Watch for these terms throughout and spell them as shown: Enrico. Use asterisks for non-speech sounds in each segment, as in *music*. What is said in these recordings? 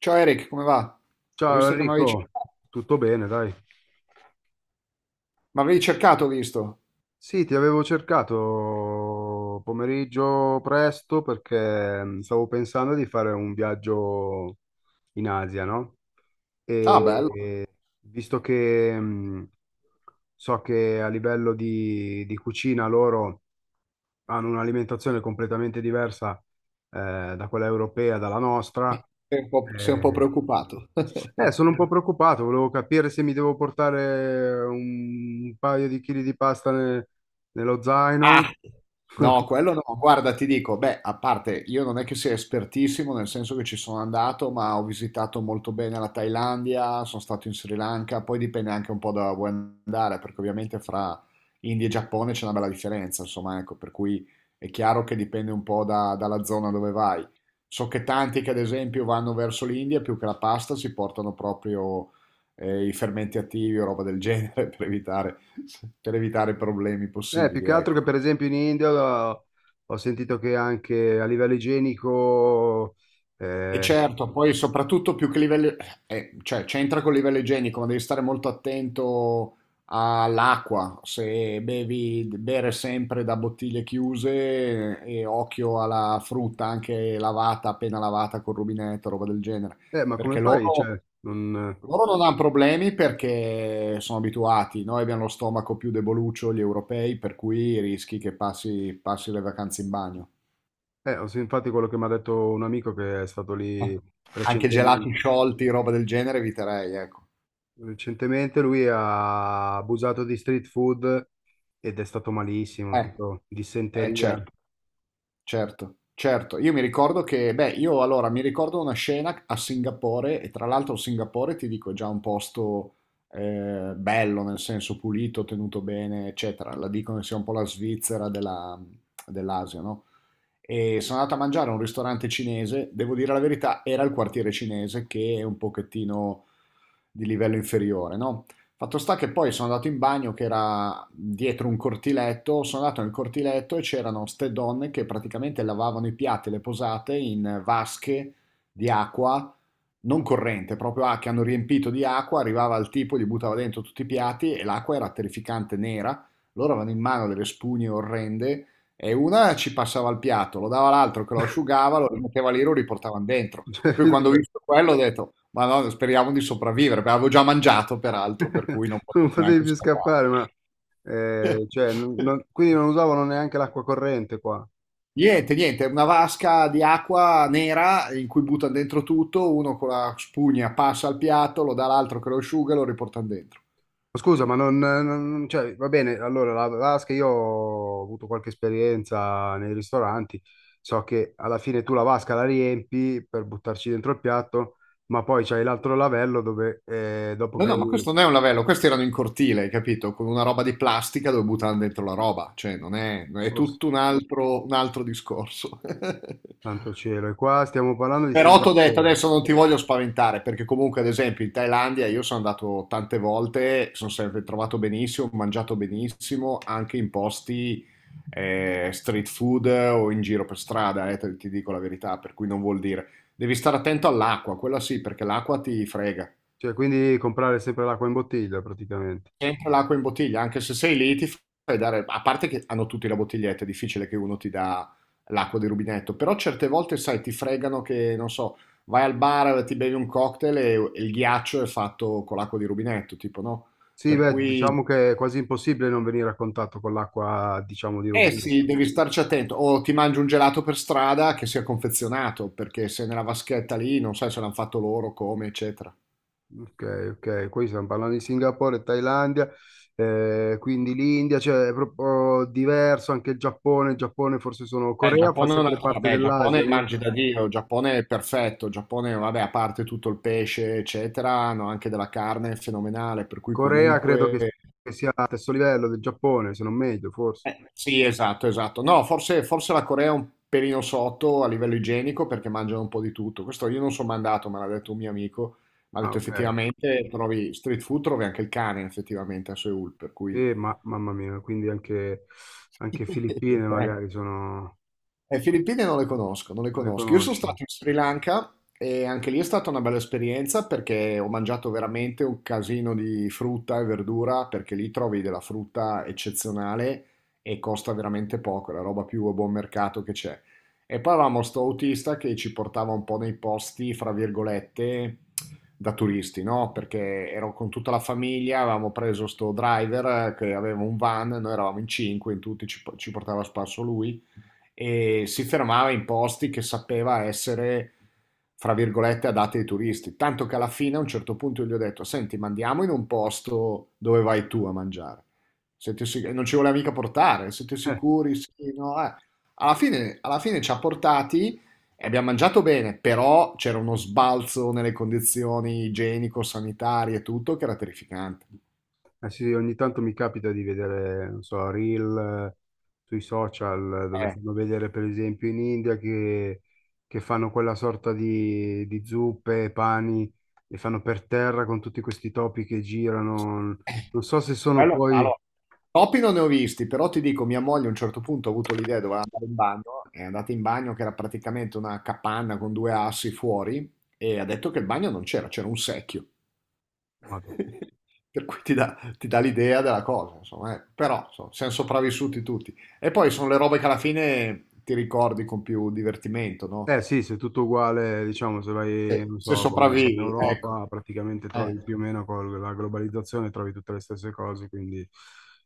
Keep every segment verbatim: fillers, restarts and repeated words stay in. Ciao Eric, come va? Ho Ciao visto che mi avevi, Enrico, cer- tutto bene, dai. mi avevi cercato, ho visto. Sì, ti avevo cercato pomeriggio presto perché mh, stavo pensando di fare un viaggio in Asia, no? Ah, bello. E visto che mh, so che a livello di, di cucina loro hanno un'alimentazione completamente diversa eh, da quella europea, dalla nostra. Sei un po', sei un po' eh, preoccupato. Eh, sono un po' *laughs* preoccupato, volevo capire se mi devo portare un paio di chili di pasta ne- nello Ah, zaino. no, *laughs* quello no. Guarda, ti dico, beh, a parte io non è che sia espertissimo, nel senso che ci sono andato, ma ho visitato molto bene la Thailandia, sono stato in Sri Lanka, poi dipende anche un po' da dove vuoi andare, perché ovviamente fra India e Giappone c'è una bella differenza, insomma, ecco, per cui è chiaro che dipende un po' da- dalla zona dove vai. So che tanti che ad esempio vanno verso l'India, più che la pasta, si portano proprio eh, i fermenti attivi o roba del genere *laughs* per evitare, per evitare problemi Eh, più possibili, che altro che ecco. per esempio in India ho, ho sentito che anche a livello igienico... E Eh, certo, poi soprattutto più che livello, eh, cioè c'entra col livello igienico, ma devi stare molto attento all'acqua, se bevi, bere sempre da bottiglie chiuse eh, e occhio alla frutta anche lavata, appena lavata col rubinetto, roba del genere, eh, ma come perché loro, fai? Cioè, non- loro non hanno problemi perché sono abituati, noi abbiamo lo stomaco più deboluccio, gli europei, per cui rischi che passi passi le vacanze in bagno. Eh, ho sen- infatti quello che mi ha detto un amico che è stato lì Anche gelati recentemente, sciolti, roba del genere, eviterei, ecco. recentemente, lui ha abusato di street food ed è stato malissimo, Eh, tipo eh, dissenteria. certo, certo, certo. Io mi ricordo che, beh, io allora mi ricordo una scena a Singapore, e tra l'altro Singapore, ti dico, è già un posto eh, bello, nel senso pulito, tenuto bene, eccetera. La dicono sia un po' la Svizzera della- dell'Asia, no? E sono andato a mangiare a un ristorante cinese, devo dire la verità, era il quartiere cinese che è un pochettino di livello inferiore, no? Fatto sta che poi sono andato in bagno che era dietro un cortiletto, sono andato nel cortiletto e c'erano ste donne che praticamente lavavano i piatti e le posate in vasche di acqua non corrente, proprio ah, che hanno riempito di acqua, arrivava il tipo, gli buttava dentro tutti i piatti e l'acqua era terrificante nera, loro avevano in mano delle spugne orrende e una ci passava il piatto, lo dava all'altro che lo *laughs* asciugava, lo rimetteva lì, lo riportavano dentro. Cioè, Poi quindi quando ho per- visto quello ho detto, ma no, speriamo di sopravvivere, perché avevo già mangiato peraltro, per *laughs* cui non Tu non potevo potevi neanche più scappare. scappare, ma eh, cioè, non- non- *laughs* quindi non usavano neanche l'acqua corrente qua. Ma Niente, niente, una vasca di acqua nera in cui buttano dentro tutto, uno con la spugna passa al piatto, lo dà all'altro che lo asciuga e lo riportano dentro. Scusa, ma non, non- cioè, va bene, allora la vasca, io ho avuto qualche esperienza nei ristoranti, so che alla fine tu la vasca la riempi per buttarci dentro il piatto, ma poi c'hai l'altro lavello dove eh, dopo No, che no, ma hai... questo non è un lavello, questi erano in cortile, hai capito? Con una roba di plastica dove buttavano dentro la roba, cioè non è, è Oh, tutto un altro, un altro discorso. *laughs* santo cielo, e qua stiamo parlando di Però ti ho detto, Singapore, adesso non ti voglio spaventare, perché comunque ad esempio in Thailandia io sono andato tante volte, sono sempre trovato benissimo, ho mangiato benissimo, anche in posti eh, street food o in giro per strada, eh, te- ti dico la verità, per cui non vuol dire. Devi stare attento all'acqua, quella sì, perché l'acqua ti frega. cioè quindi comprare sempre l'acqua in bottiglia praticamente. Sempre l'acqua in bottiglia, anche se sei lì ti fai dare, a parte che hanno tutti la bottiglietta, è difficile che uno ti dà l'acqua di rubinetto, però certe volte, sai, ti fregano che, non so, vai al bar, ti bevi un cocktail e, e il ghiaccio è fatto con l'acqua di rubinetto, tipo, no? Sì, Per beh, cui, diciamo che è quasi impossibile non venire a contatto con l'acqua, diciamo, di eh sì, rubinetto. devi starci attento, o ti mangi un gelato per strada che sia confezionato, perché se nella vaschetta lì, non sai se l'hanno fatto loro, come, eccetera. Ok, ok, qui stiamo parlando di Singapore, Thailandia, eh, quindi l'India, cioè è proprio diverso, anche il Giappone, il Giappone forse sono, Eh, il Corea fa Giappone è un sempre altro, parte vabbè, il dell'Asia, Giappone no? mangi da Dio, il Giappone è perfetto, il Giappone, vabbè, a parte tutto il pesce, eccetera, hanno anche della carne fenomenale, per cui Corea credo che comunque... che sia allo stesso livello del Giappone, se non meglio, forse. Eh, sì, esatto, esatto. No, forse, forse la Corea è un pelino sotto a livello igienico perché mangiano un po' di tutto. Questo io non sono mandato, me l'ha detto un mio amico, mi ha Ah, detto ok, effettivamente trovi street food, trovi anche il cane effettivamente a Seoul, per cui... sì, ma, mamma mia, quindi anche, anche Filippine *laughs* Ecco. magari sono, Le Filippine non le conosco, non le non le conosco. Io sono conosci. stato in Sri Lanka e anche lì è stata una bella esperienza perché ho mangiato veramente un casino di frutta e verdura perché lì trovi della frutta eccezionale e costa veramente poco, è la roba più a buon mercato che c'è. E poi avevamo sto autista che ci portava un po' nei posti, fra virgolette, da turisti, no? Perché ero con tutta la famiglia, avevamo preso sto driver che aveva un van, noi eravamo in cinque, in tutti ci ci portava a spasso lui e si fermava in posti che sapeva essere, fra virgolette, adatti ai turisti. Tanto che alla fine a un certo punto gli ho detto, senti, ma andiamo in un posto dove vai tu a mangiare. Siete sic- non ci voleva mica portare, siete *laughs* sicuri? Sì, no, eh. Alla fine, alla fine ci ha portati e abbiamo mangiato bene, però c'era uno sbalzo nelle condizioni igienico-sanitarie e tutto che era terrificante. Eh sì, ogni tanto mi capita di vedere, non so, reel eh, sui social eh, dove Eh, fanno vedere per esempio in India che, che fanno quella sorta di, di zuppe, pani, e fanno per terra con tutti questi topi che girano. Non so se sono Quello poi... allora, topi non ne ho visti, però ti dico, mia moglie a un certo punto ha avuto l'idea, doveva andare in bagno, è andata in bagno che era praticamente una capanna con due assi fuori e ha detto che il bagno non c'era, c'era un secchio. Madò. *laughs* Per cui ti dà, ti dà l'idea della cosa, insomma, eh. Però, insomma, siamo sopravvissuti tutti. E poi sono le robe che alla fine ti ricordi con più divertimento, no? Eh sì, se è tutto uguale, diciamo, se Se vai, non se so, come in sopravvivi, ecco. Europa, praticamente Eh. trovi più o meno con la globalizzazione, trovi tutte le stesse cose, quindi...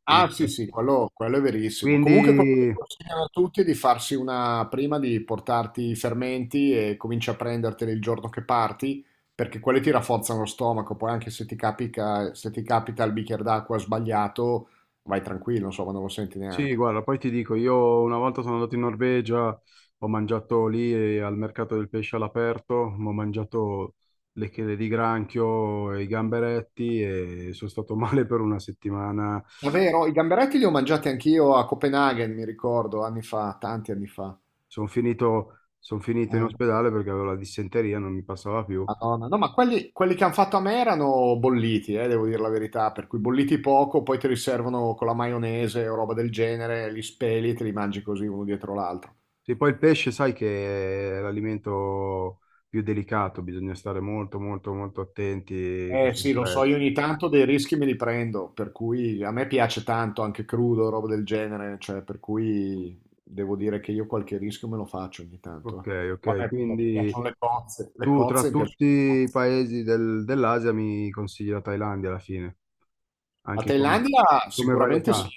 in Ah sì sì, effetti. quello, quello è verissimo. Comunque quello che Quindi... consigliano a tutti è di farsi una prima di portarti i fermenti e cominci a prenderteli il giorno che parti, perché quelli ti rafforzano lo stomaco, poi anche se ti capita, se ti capita il bicchiere d'acqua sbagliato, vai tranquillo, insomma, non lo senti Sì, neanche. guarda, poi ti dico, io una volta sono andato in Norvegia, ho mangiato lì eh, al mercato del pesce all'aperto, ho mangiato le chele di granchio e i gamberetti e sono stato *laughs* male per una settimana. Davvero, i gamberetti li ho mangiati anch'io a Copenaghen, mi ricordo, anni fa, tanti anni fa. Sono finito, son finito in Eh. ospedale perché avevo la dissenteria, non mi passava più. Madonna. No, ma quelli, quelli che hanno fatto a me erano bolliti, eh, devo dire la verità, per cui bolliti poco, poi te li servono con la maionese o roba del genere, li speli e te li mangi così uno dietro l'altro. Sì, poi il pesce, sai che è l'alimento più delicato, bisogna stare molto, molto, molto attenti che Eh sia sì, lo so, fresco. io ogni tanto dei rischi me li prendo, per cui a me piace tanto anche crudo, roba del genere, cioè per cui devo dire che io qualche rischio me lo faccio ogni tanto. eh. Ok, Poi ok, a me quindi... piacciono le cozze, le Tu tra cozze mi piacciono. tutti i paesi del- dell'Asia mi consigli la Thailandia alla fine, A anche come, Thailandia come sicuramente sì, varietà.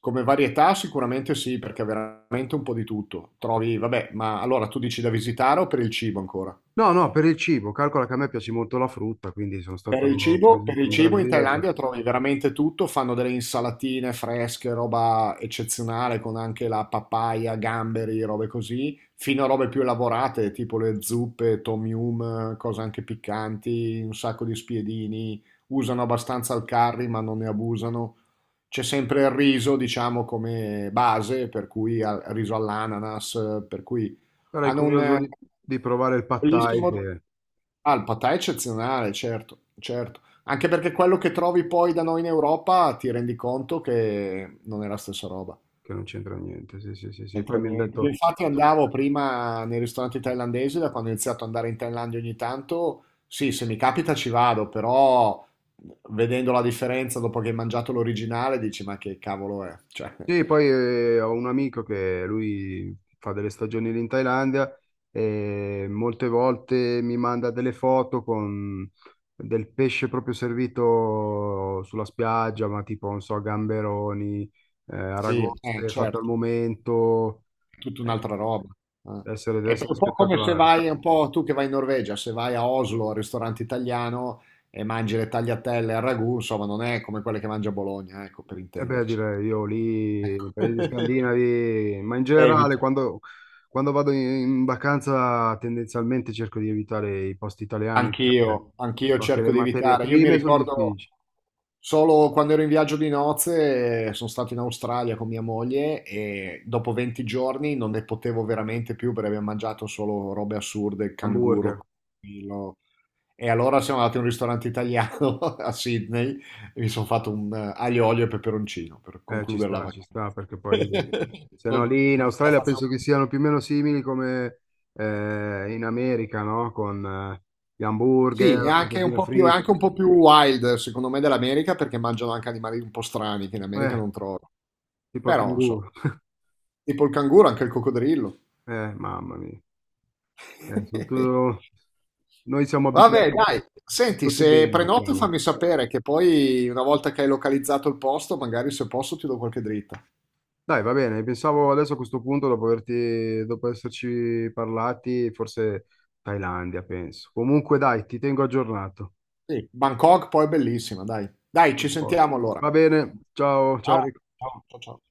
come varietà sicuramente sì, perché è veramente un po' di tutto. Trovi, vabbè, ma allora tu dici da visitare o per il cibo ancora? No, no, per il cibo, calcola che a me piace molto la frutta, quindi sono Per il stato per cibo, per esempio il in cibo in Brasile, ci- Thailandia trovi veramente tutto, fanno delle insalatine fresche, roba eccezionale con anche la papaya, gamberi, robe così, fino a robe più elaborate, tipo le zuppe, tom yum, cose anche piccanti, un sacco di spiedini, usano abbastanza il curry ma non ne abusano. C'è sempre il riso, diciamo, come base, per cui al- riso all'ananas, per cui sarei hanno curioso un di, di provare il pad thai Bellissimo. che, Ah, il patà è eccezionale, certo, certo. Anche perché quello che trovi poi da noi in Europa ti rendi conto che non è la stessa roba. che non c'entra niente, sì, sì, sì, sì. Poi C'entra mi hanno niente. Io detto, infatti andavo prima nei ristoranti thailandesi, da quando ho iniziato ad andare in Thailandia ogni tanto, sì, se mi capita ci vado, però vedendo la differenza dopo che hai mangiato l'originale dici ma che cavolo è? Cioè, sì, poi eh, ho un amico che lui fa delle stagioni lì in Thailandia e molte volte mi manda delle foto con del pesce proprio servito sulla spiaggia, ma tipo, non so, gamberoni, eh, sì, eh, aragoste fatte al certo. momento. Tutta Eh, un'altra roba. eh. deve essere, deve È essere un po' come se spettacolare. vai, è un po' tu che vai in Norvegia, se vai a Oslo al ristorante italiano e mangi le tagliatelle al ragù, insomma, non è come quelle che mangia a Bologna, ecco, per E beh, intenderci. direi io lì, Ecco. nei paesi *laughs* scandinavi, ma in generale Evito. quando, quando vado in, in vacanza tendenzialmente cerco di evitare i posti italiani perché Anch'io, anch'io so che le cerco di materie evitare. Io mi prime sono ricordo difficili. solo quando ero in viaggio di nozze, eh, sono stato in Australia con mia moglie e dopo venti giorni non ne potevo veramente più perché abbiamo mangiato solo robe assurde, il canguro, Hamburger, il E allora siamo andati in un ristorante italiano *laughs* a Sydney e mi sono fatto un eh, aglio, olio e peperoncino per eh, ci concludere la sta, ci sta, vacanza. perché poi *laughs* se no Non- lì in Non ce la Australia faccio. penso che siano più o meno simili come eh, in America, no? Con eh, gli Sì, è hamburger, anche un patatine po' più, è fritte, anche un po' più, wild, secondo me, dell'America perché mangiano anche animali un po' strani che in America eh, non trovo. tipo il Però, insomma, canguro. *laughs* tipo il canguro, anche il coccodrillo. Eh, mamma mia. Eh, sono *laughs* tu- Noi siamo Vabbè, abituati, dai, senti, abituati se bene, prenoti siamo. fammi sapere che poi una volta che hai localizzato il posto, magari se posso ti do qualche dritta. Dai, va bene, pensavo adesso a questo punto, dopo averti, dopo esserci parlati, forse Thailandia, penso. Comunque dai, ti tengo aggiornato. Sì, Bangkok poi è bellissima, dai. Dai, A ci posto. sentiamo allora. Va bene, ciao, ciao. Ciao, Enrico. ciao, ciao. Ciao.